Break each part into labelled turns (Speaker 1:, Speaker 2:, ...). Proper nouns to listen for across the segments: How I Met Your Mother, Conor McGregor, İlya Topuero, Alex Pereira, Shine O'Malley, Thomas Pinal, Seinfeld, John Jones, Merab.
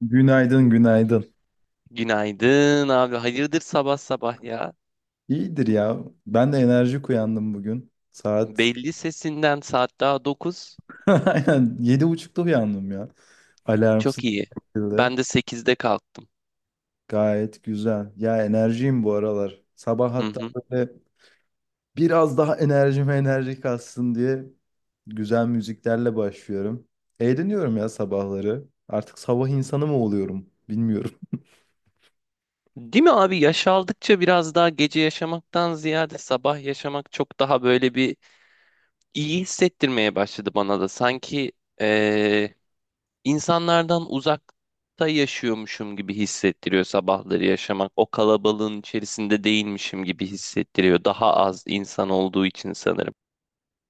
Speaker 1: Günaydın, günaydın.
Speaker 2: Günaydın abi. Hayırdır sabah sabah ya?
Speaker 1: İyidir ya. Ben de enerjik uyandım bugün. Saat
Speaker 2: Belli sesinden saat daha 9.
Speaker 1: aynen 7.30'da uyandım ya. Alarmsız
Speaker 2: Çok iyi.
Speaker 1: bir şekilde.
Speaker 2: Ben de sekizde kalktım.
Speaker 1: Gayet güzel. Ya, enerjiyim bu aralar. Sabah
Speaker 2: Hı
Speaker 1: hatta
Speaker 2: hı.
Speaker 1: böyle biraz daha enerjime enerji katsın diye güzel müziklerle başlıyorum. Eğleniyorum ya sabahları. Artık sabah insanı mı oluyorum bilmiyorum.
Speaker 2: Değil mi abi? Yaş aldıkça biraz daha gece yaşamaktan ziyade sabah yaşamak çok daha böyle bir iyi hissettirmeye başladı bana da. Sanki eee, insanlardan uzakta yaşıyormuşum gibi hissettiriyor sabahları yaşamak. O kalabalığın içerisinde değilmişim gibi hissettiriyor. Daha az insan olduğu için sanırım.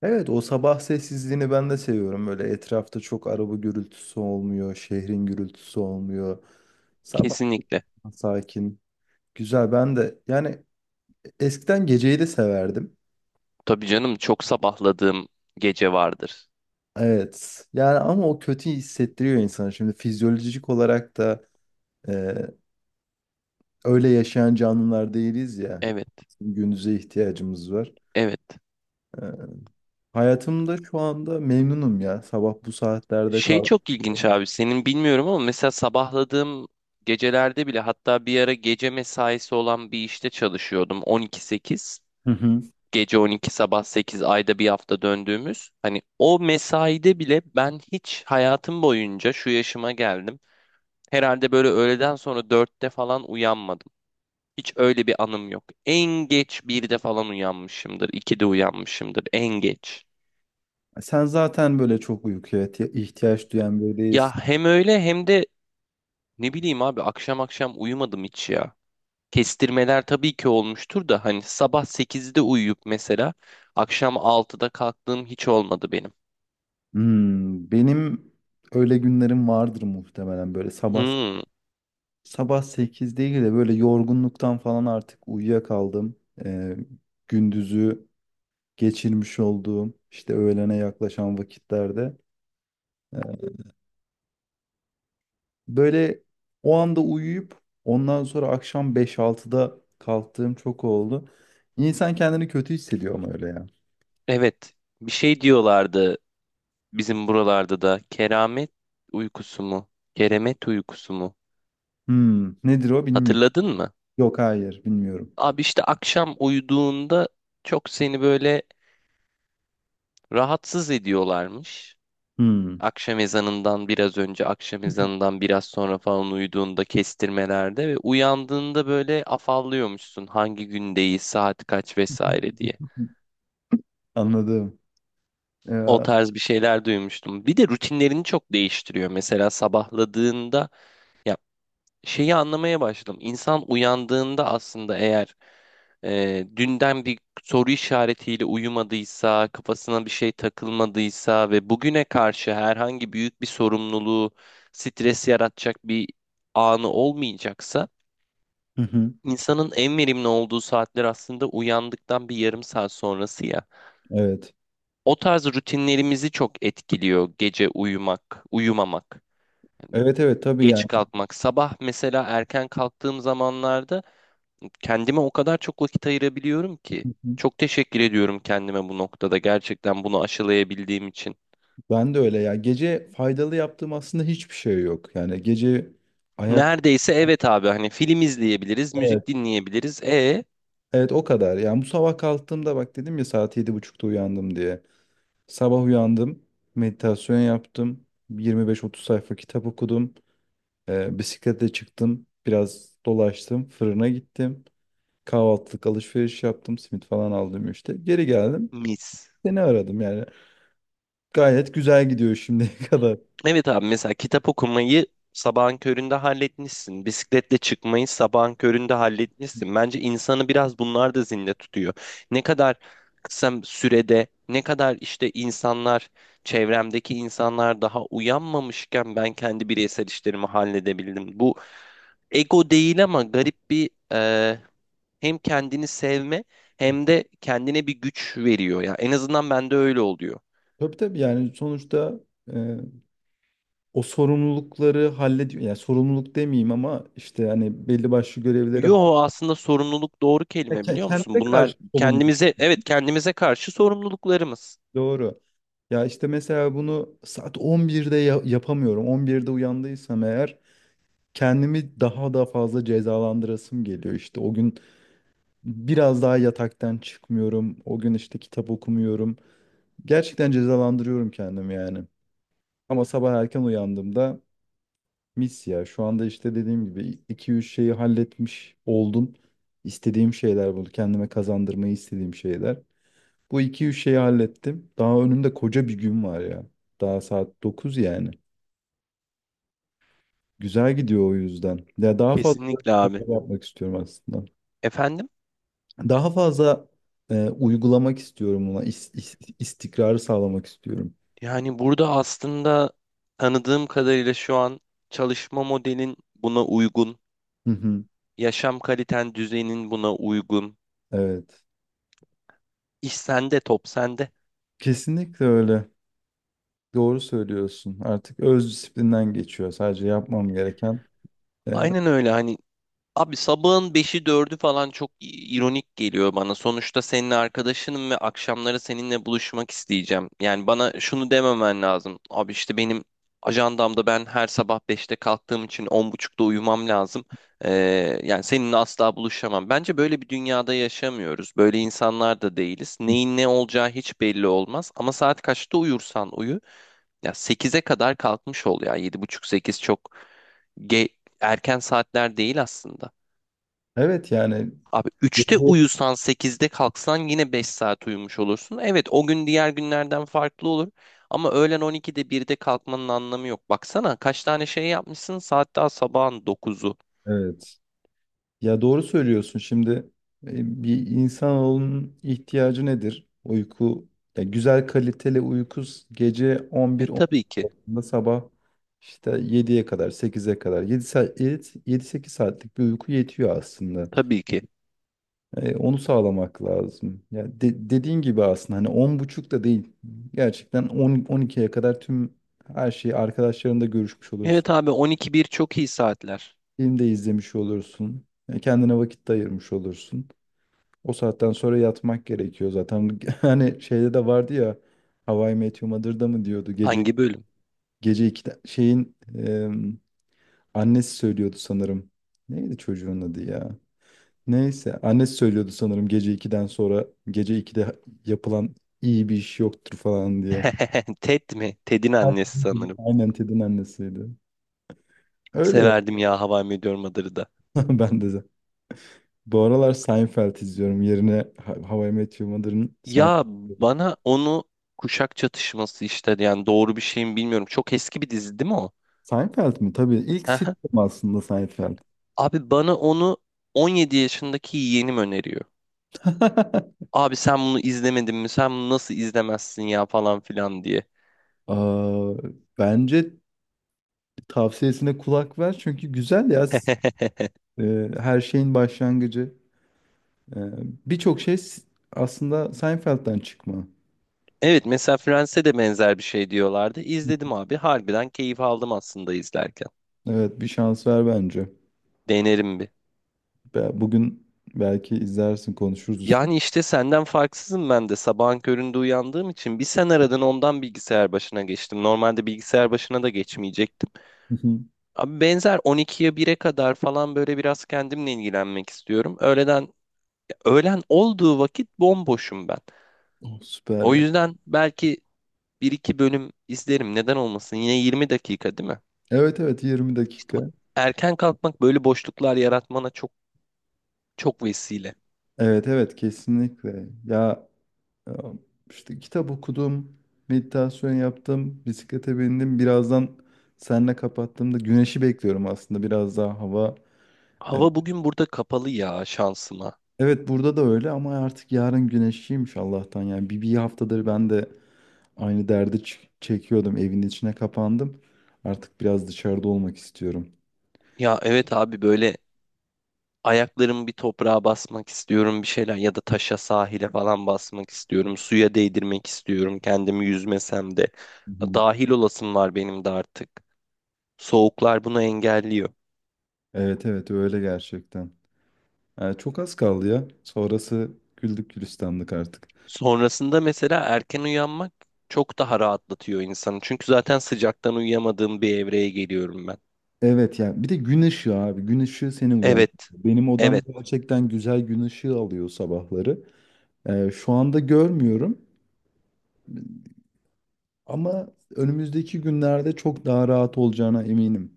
Speaker 1: Evet, o sabah sessizliğini ben de seviyorum. Böyle etrafta çok araba gürültüsü olmuyor, şehrin gürültüsü olmuyor. Sabah
Speaker 2: Kesinlikle.
Speaker 1: sakin. Güzel, ben de yani eskiden geceyi de severdim.
Speaker 2: Tabii canım çok sabahladığım gece vardır.
Speaker 1: Evet yani, ama o kötü hissettiriyor insanı. Şimdi fizyolojik olarak da e, öyle yaşayan canlılar değiliz ya.
Speaker 2: Evet,
Speaker 1: Gündüze ihtiyacımız var.
Speaker 2: evet.
Speaker 1: E, Hayatımda şu anda memnunum ya. Sabah bu saatlerde
Speaker 2: Şey
Speaker 1: kalk.
Speaker 2: çok ilginç abi, senin bilmiyorum ama mesela sabahladığım gecelerde bile, hatta bir ara gece mesaisi olan bir işte çalışıyordum. 12-8,
Speaker 1: Hı hı.
Speaker 2: gece 12 sabah 8, ayda bir hafta döndüğümüz. Hani o mesaide bile, ben hiç hayatım boyunca şu yaşıma geldim. Herhalde böyle öğleden sonra 4'te falan uyanmadım. Hiç öyle bir anım yok. En geç birde falan uyanmışımdır, 2'de uyanmışımdır en geç.
Speaker 1: Sen zaten böyle çok uykuya ihtiyaç duyan biri
Speaker 2: Ya
Speaker 1: değilsin.
Speaker 2: hem öyle hem de ne bileyim abi, akşam akşam uyumadım hiç ya. Kestirmeler tabii ki olmuştur da, hani sabah 8'de uyuyup mesela akşam altıda kalktığım hiç olmadı benim.
Speaker 1: Benim öyle günlerim vardır muhtemelen, böyle sabah
Speaker 2: Hmm,
Speaker 1: sabah 8 değil de böyle yorgunluktan falan artık uyuyakaldım. Ee, Gündüzü geçirmiş olduğum işte öğlene yaklaşan vakitlerde. Böyle o anda uyuyup ondan sonra akşam beş altıda kalktığım çok oldu. İnsan kendini kötü hissediyor ama öyle ya.
Speaker 2: evet, bir şey diyorlardı bizim buralarda da, keramet uykusu mu? Keremet uykusu mu?
Speaker 1: Nedir o bilmiyorum.
Speaker 2: Hatırladın mı?
Speaker 1: Yok, hayır bilmiyorum.
Speaker 2: Abi işte akşam uyuduğunda çok seni böyle rahatsız ediyorlarmış.
Speaker 1: Hmm.
Speaker 2: Akşam ezanından biraz önce, akşam ezanından biraz sonra falan uyuduğunda, kestirmelerde, ve uyandığında böyle afallıyormuşsun, hangi gündeyiz, saat kaç vesaire diye.
Speaker 1: Anladım.
Speaker 2: O
Speaker 1: Ya.
Speaker 2: tarz bir şeyler duymuştum. Bir de rutinlerini çok değiştiriyor. Mesela sabahladığında ya, şeyi anlamaya başladım. İnsan uyandığında aslında, eğer dünden bir soru işaretiyle uyumadıysa, kafasına bir şey takılmadıysa, ve bugüne karşı herhangi büyük bir sorumluluğu, stres yaratacak bir anı olmayacaksa,
Speaker 1: Hı hı.
Speaker 2: insanın en verimli olduğu saatler aslında uyandıktan bir yarım saat sonrası ya.
Speaker 1: Evet.
Speaker 2: O tarz rutinlerimizi çok etkiliyor gece uyumak, uyumamak.
Speaker 1: Evet evet, tabii
Speaker 2: Geç
Speaker 1: yani.
Speaker 2: kalkmak. Sabah mesela erken kalktığım zamanlarda kendime o kadar çok vakit ayırabiliyorum ki.
Speaker 1: Hı hı.
Speaker 2: Çok teşekkür ediyorum kendime bu noktada, gerçekten bunu aşılayabildiğim için.
Speaker 1: Ben de öyle ya. Gece faydalı yaptığım aslında hiçbir şey yok. Yani gece ayak.
Speaker 2: Neredeyse, evet abi, hani film izleyebiliriz,
Speaker 1: Evet.
Speaker 2: müzik dinleyebiliriz. E
Speaker 1: Evet, o kadar. Yani bu sabah kalktığımda, bak dedim ya, saat 7.30'da uyandım diye. Sabah uyandım. Meditasyon yaptım. 25-30 sayfa kitap okudum. Bisiklete çıktım. Biraz dolaştım. Fırına gittim. Kahvaltılık alışveriş yaptım. Simit falan aldım işte. Geri geldim.
Speaker 2: mis.
Speaker 1: Seni aradım yani. Gayet güzel gidiyor şimdiye kadar.
Speaker 2: Evet abi, mesela kitap okumayı sabahın köründe halletmişsin. Bisikletle çıkmayı sabahın köründe halletmişsin. Bence insanı biraz bunlar da zinde tutuyor. Ne kadar kısa sürede, ne kadar işte insanlar, çevremdeki insanlar daha uyanmamışken, ben kendi bireysel işlerimi halledebildim. Bu ego değil ama garip bir hem kendini sevme hem de kendine bir güç veriyor. Ya en azından bende öyle oluyor.
Speaker 1: Tabii tabii yani, sonuçta e, o sorumlulukları hallediyor. Yani sorumluluk demeyeyim ama işte hani belli başlı görevleri.
Speaker 2: Yo, aslında sorumluluk doğru
Speaker 1: Ya,
Speaker 2: kelime biliyor musun?
Speaker 1: kendine
Speaker 2: Bunlar
Speaker 1: karşı sorumluluk.
Speaker 2: kendimize, evet, kendimize karşı sorumluluklarımız.
Speaker 1: Doğru. Ya işte mesela bunu saat 11'de yapamıyorum. 11'de uyandıysam eğer, kendimi daha da fazla cezalandırasım geliyor. İşte o gün biraz daha yataktan çıkmıyorum. O gün işte kitap okumuyorum. Gerçekten cezalandırıyorum kendimi yani. Ama sabah erken uyandığımda mis ya. Şu anda işte dediğim gibi iki üç şeyi halletmiş oldum. İstediğim şeyler, bunu kendime kazandırmayı istediğim şeyler. Bu iki üç şeyi hallettim. Daha önümde koca bir gün var ya. Daha saat 9 yani. Güzel gidiyor o yüzden. Ya, daha fazla böyle
Speaker 2: Kesinlikle abi.
Speaker 1: şeyler yapmak istiyorum aslında.
Speaker 2: Efendim?
Speaker 1: Daha fazla uygulamak istiyorum buna. İstikrarı sağlamak istiyorum.
Speaker 2: Yani burada aslında, tanıdığım kadarıyla, şu an çalışma modelin buna uygun,
Speaker 1: Hı hı.
Speaker 2: yaşam kaliten düzeyinin buna uygun.
Speaker 1: Evet.
Speaker 2: İş sende, top sende.
Speaker 1: Kesinlikle öyle. Doğru söylüyorsun. Artık öz disiplinden geçiyor. Sadece yapmam gereken e,
Speaker 2: Aynen öyle. Hani abi, sabahın beşi dördü falan çok ironik geliyor bana. Sonuçta senin arkadaşınım ve akşamları seninle buluşmak isteyeceğim. Yani bana şunu dememen lazım. Abi işte benim ajandamda, ben her sabah beşte kalktığım için 10.30'da uyumam lazım. Ee, Yani seninle asla buluşamam. Bence böyle bir dünyada yaşamıyoruz. Böyle insanlar da değiliz. Neyin ne olacağı hiç belli olmaz. Ama saat kaçta uyursan uyu. Ya sekize kadar kalkmış ol ya. Yedi buçuk sekiz çok ge- erken saatler değil aslında.
Speaker 1: Evet yani,
Speaker 2: Abi
Speaker 1: ya
Speaker 2: üçte uyusan sekizde kalksan yine 5 saat uyumuş olursun. Evet, o gün diğer günlerden farklı olur. Ama öğlen 12'de birde kalkmanın anlamı yok. Baksana kaç tane şey yapmışsın, saat daha sabahın dokuzu.
Speaker 1: evet. Ya, doğru söylüyorsun. Şimdi bir insanın ihtiyacı nedir? Uyku. Ya, güzel kaliteli uyku, gece
Speaker 2: E
Speaker 1: 11-12
Speaker 2: tabii ki.
Speaker 1: arasında, sabah işte 7'ye kadar, 8'e kadar, 7 saat, 7-8 saatlik bir uyku yetiyor aslında.
Speaker 2: Tabii ki.
Speaker 1: Onu sağlamak lazım. Ya, dediğin gibi aslında hani 10.30 da değil. Gerçekten 10 12'ye kadar tüm her şeyi arkadaşlarınla görüşmüş olursun.
Speaker 2: Evet abi, 12 bir çok iyi saatler.
Speaker 1: Film de izlemiş olursun. Kendine vakit de ayırmış olursun. O saatten sonra yatmak gerekiyor zaten. Hani şeyde de vardı ya, How I Met Your Mother'da mı diyordu. Gece
Speaker 2: Hangi bölüm?
Speaker 1: gece iki şeyin annesi söylüyordu sanırım. Neydi çocuğun adı ya? Neyse, annesi söylüyordu sanırım, gece 2'den sonra, gece 2'de yapılan iyi bir iş yoktur falan diye.
Speaker 2: Ted mi? Ted'in annesi sanırım.
Speaker 1: Aynen, Ted'in annesiydi. Öyle ya.
Speaker 2: Severdim ya How I Met Your Mother'ı da.
Speaker 1: Ben de. Bu aralar Seinfeld izliyorum. Yerine, How I Met Your Mother'ın
Speaker 2: Ya,
Speaker 1: Seinfeld.
Speaker 2: bana onu kuşak çatışması işte, yani doğru bir şeyim bilmiyorum. Çok eski bir dizi değil mi o?
Speaker 1: Seinfeld mi? Tabii. ilk sitcom aslında Seinfeld.
Speaker 2: Abi bana onu 17 yaşındaki yeğenim öneriyor. Abi sen bunu izlemedin mi? Sen bunu nasıl izlemezsin ya falan filan diye.
Speaker 1: Aa, bence tavsiyesine kulak ver çünkü güzel ya. Her şeyin başlangıcı. E, Birçok şey aslında Seinfeld'den çıkma.
Speaker 2: Evet, mesela Friends'e de benzer bir şey diyorlardı. İzledim abi. Harbiden keyif aldım aslında izlerken.
Speaker 1: Evet, bir şans ver bence.
Speaker 2: Denerim bir.
Speaker 1: Bugün belki izlersin, konuşuruz.
Speaker 2: Yani işte senden farksızım ben de. Sabahın köründe uyandığım için, bir sen aradın, ondan bilgisayar başına geçtim. Normalde bilgisayar başına da geçmeyecektim.
Speaker 1: Hı hı.
Speaker 2: Abi benzer 12'ye bire kadar falan böyle biraz kendimle ilgilenmek istiyorum. Öğlen olduğu vakit bomboşum ben.
Speaker 1: Oh, süper
Speaker 2: O
Speaker 1: ya.
Speaker 2: yüzden belki bir iki bölüm izlerim. Neden olmasın? Yine 20 dakika değil mi?
Speaker 1: Evet evet, 20
Speaker 2: İşte bak,
Speaker 1: dakika.
Speaker 2: erken kalkmak böyle boşluklar yaratmana çok çok vesile.
Speaker 1: Evet evet, kesinlikle. Ya. Ee, İşte kitap okudum, meditasyon yaptım, bisiklete bindim. Birazdan seninle kapattığımda güneşi bekliyorum, aslında biraz daha hava. e,
Speaker 2: Hava bugün burada kapalı ya, şansıma.
Speaker 1: Evet, burada da öyle ama artık yarın güneşliymiş Allah'tan. Yani bir haftadır ben de aynı derdi çekiyordum. Evin içine kapandım. Artık biraz dışarıda olmak istiyorum.
Speaker 2: Ya evet abi, böyle ayaklarımı bir toprağa basmak istiyorum, bir şeyler, ya da taşa, sahile falan basmak istiyorum. Suya değdirmek istiyorum kendimi yüzmesem de.
Speaker 1: Hı hı.
Speaker 2: Dahil olasım var benim de artık. Soğuklar bunu engelliyor.
Speaker 1: Evet evet, öyle gerçekten. Yani çok az kaldı ya. Sonrası güldük gülistanlık artık.
Speaker 2: Sonrasında mesela erken uyanmak çok daha rahatlatıyor insanı. Çünkü zaten sıcaktan uyuyamadığım bir evreye geliyorum ben.
Speaker 1: Evet ya. Bir de gün ışığı, abi. Gün ışığı seni uyandırıyor.
Speaker 2: Evet,
Speaker 1: Benim odam
Speaker 2: evet.
Speaker 1: gerçekten güzel gün ışığı alıyor sabahları. Şu anda görmüyorum ama önümüzdeki günlerde çok daha rahat olacağına eminim.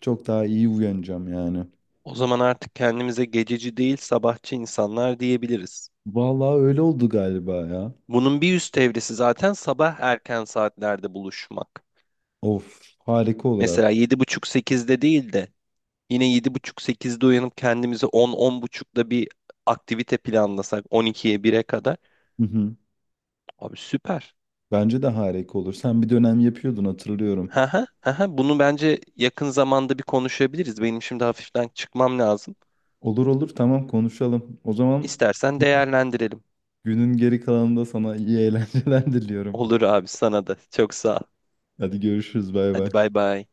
Speaker 1: Çok daha iyi uyanacağım yani.
Speaker 2: O zaman artık kendimize gececi değil sabahçı insanlar diyebiliriz.
Speaker 1: Vallahi öyle oldu galiba ya.
Speaker 2: Bunun bir üst evresi zaten sabah erken saatlerde buluşmak.
Speaker 1: Of, harika olur aslında.
Speaker 2: Mesela yedi buçuk sekizde değil de, yine yedi buçuk sekizde uyanıp kendimizi 10-10.30'da bir aktivite planlasak 12'ye 1'e kadar.
Speaker 1: Hı hı.
Speaker 2: Abi süper.
Speaker 1: Bence de harika olur. Sen bir dönem yapıyordun, hatırlıyorum.
Speaker 2: Haha, haha. Bunu bence yakın zamanda bir konuşabiliriz. Benim şimdi hafiften çıkmam lazım.
Speaker 1: Olur olur, tamam konuşalım. O zaman
Speaker 2: İstersen değerlendirelim.
Speaker 1: günün geri kalanında sana iyi eğlenceler diliyorum.
Speaker 2: Olur abi, sana da. Çok sağ ol.
Speaker 1: Hadi görüşürüz, bay bay.
Speaker 2: Hadi bay bay.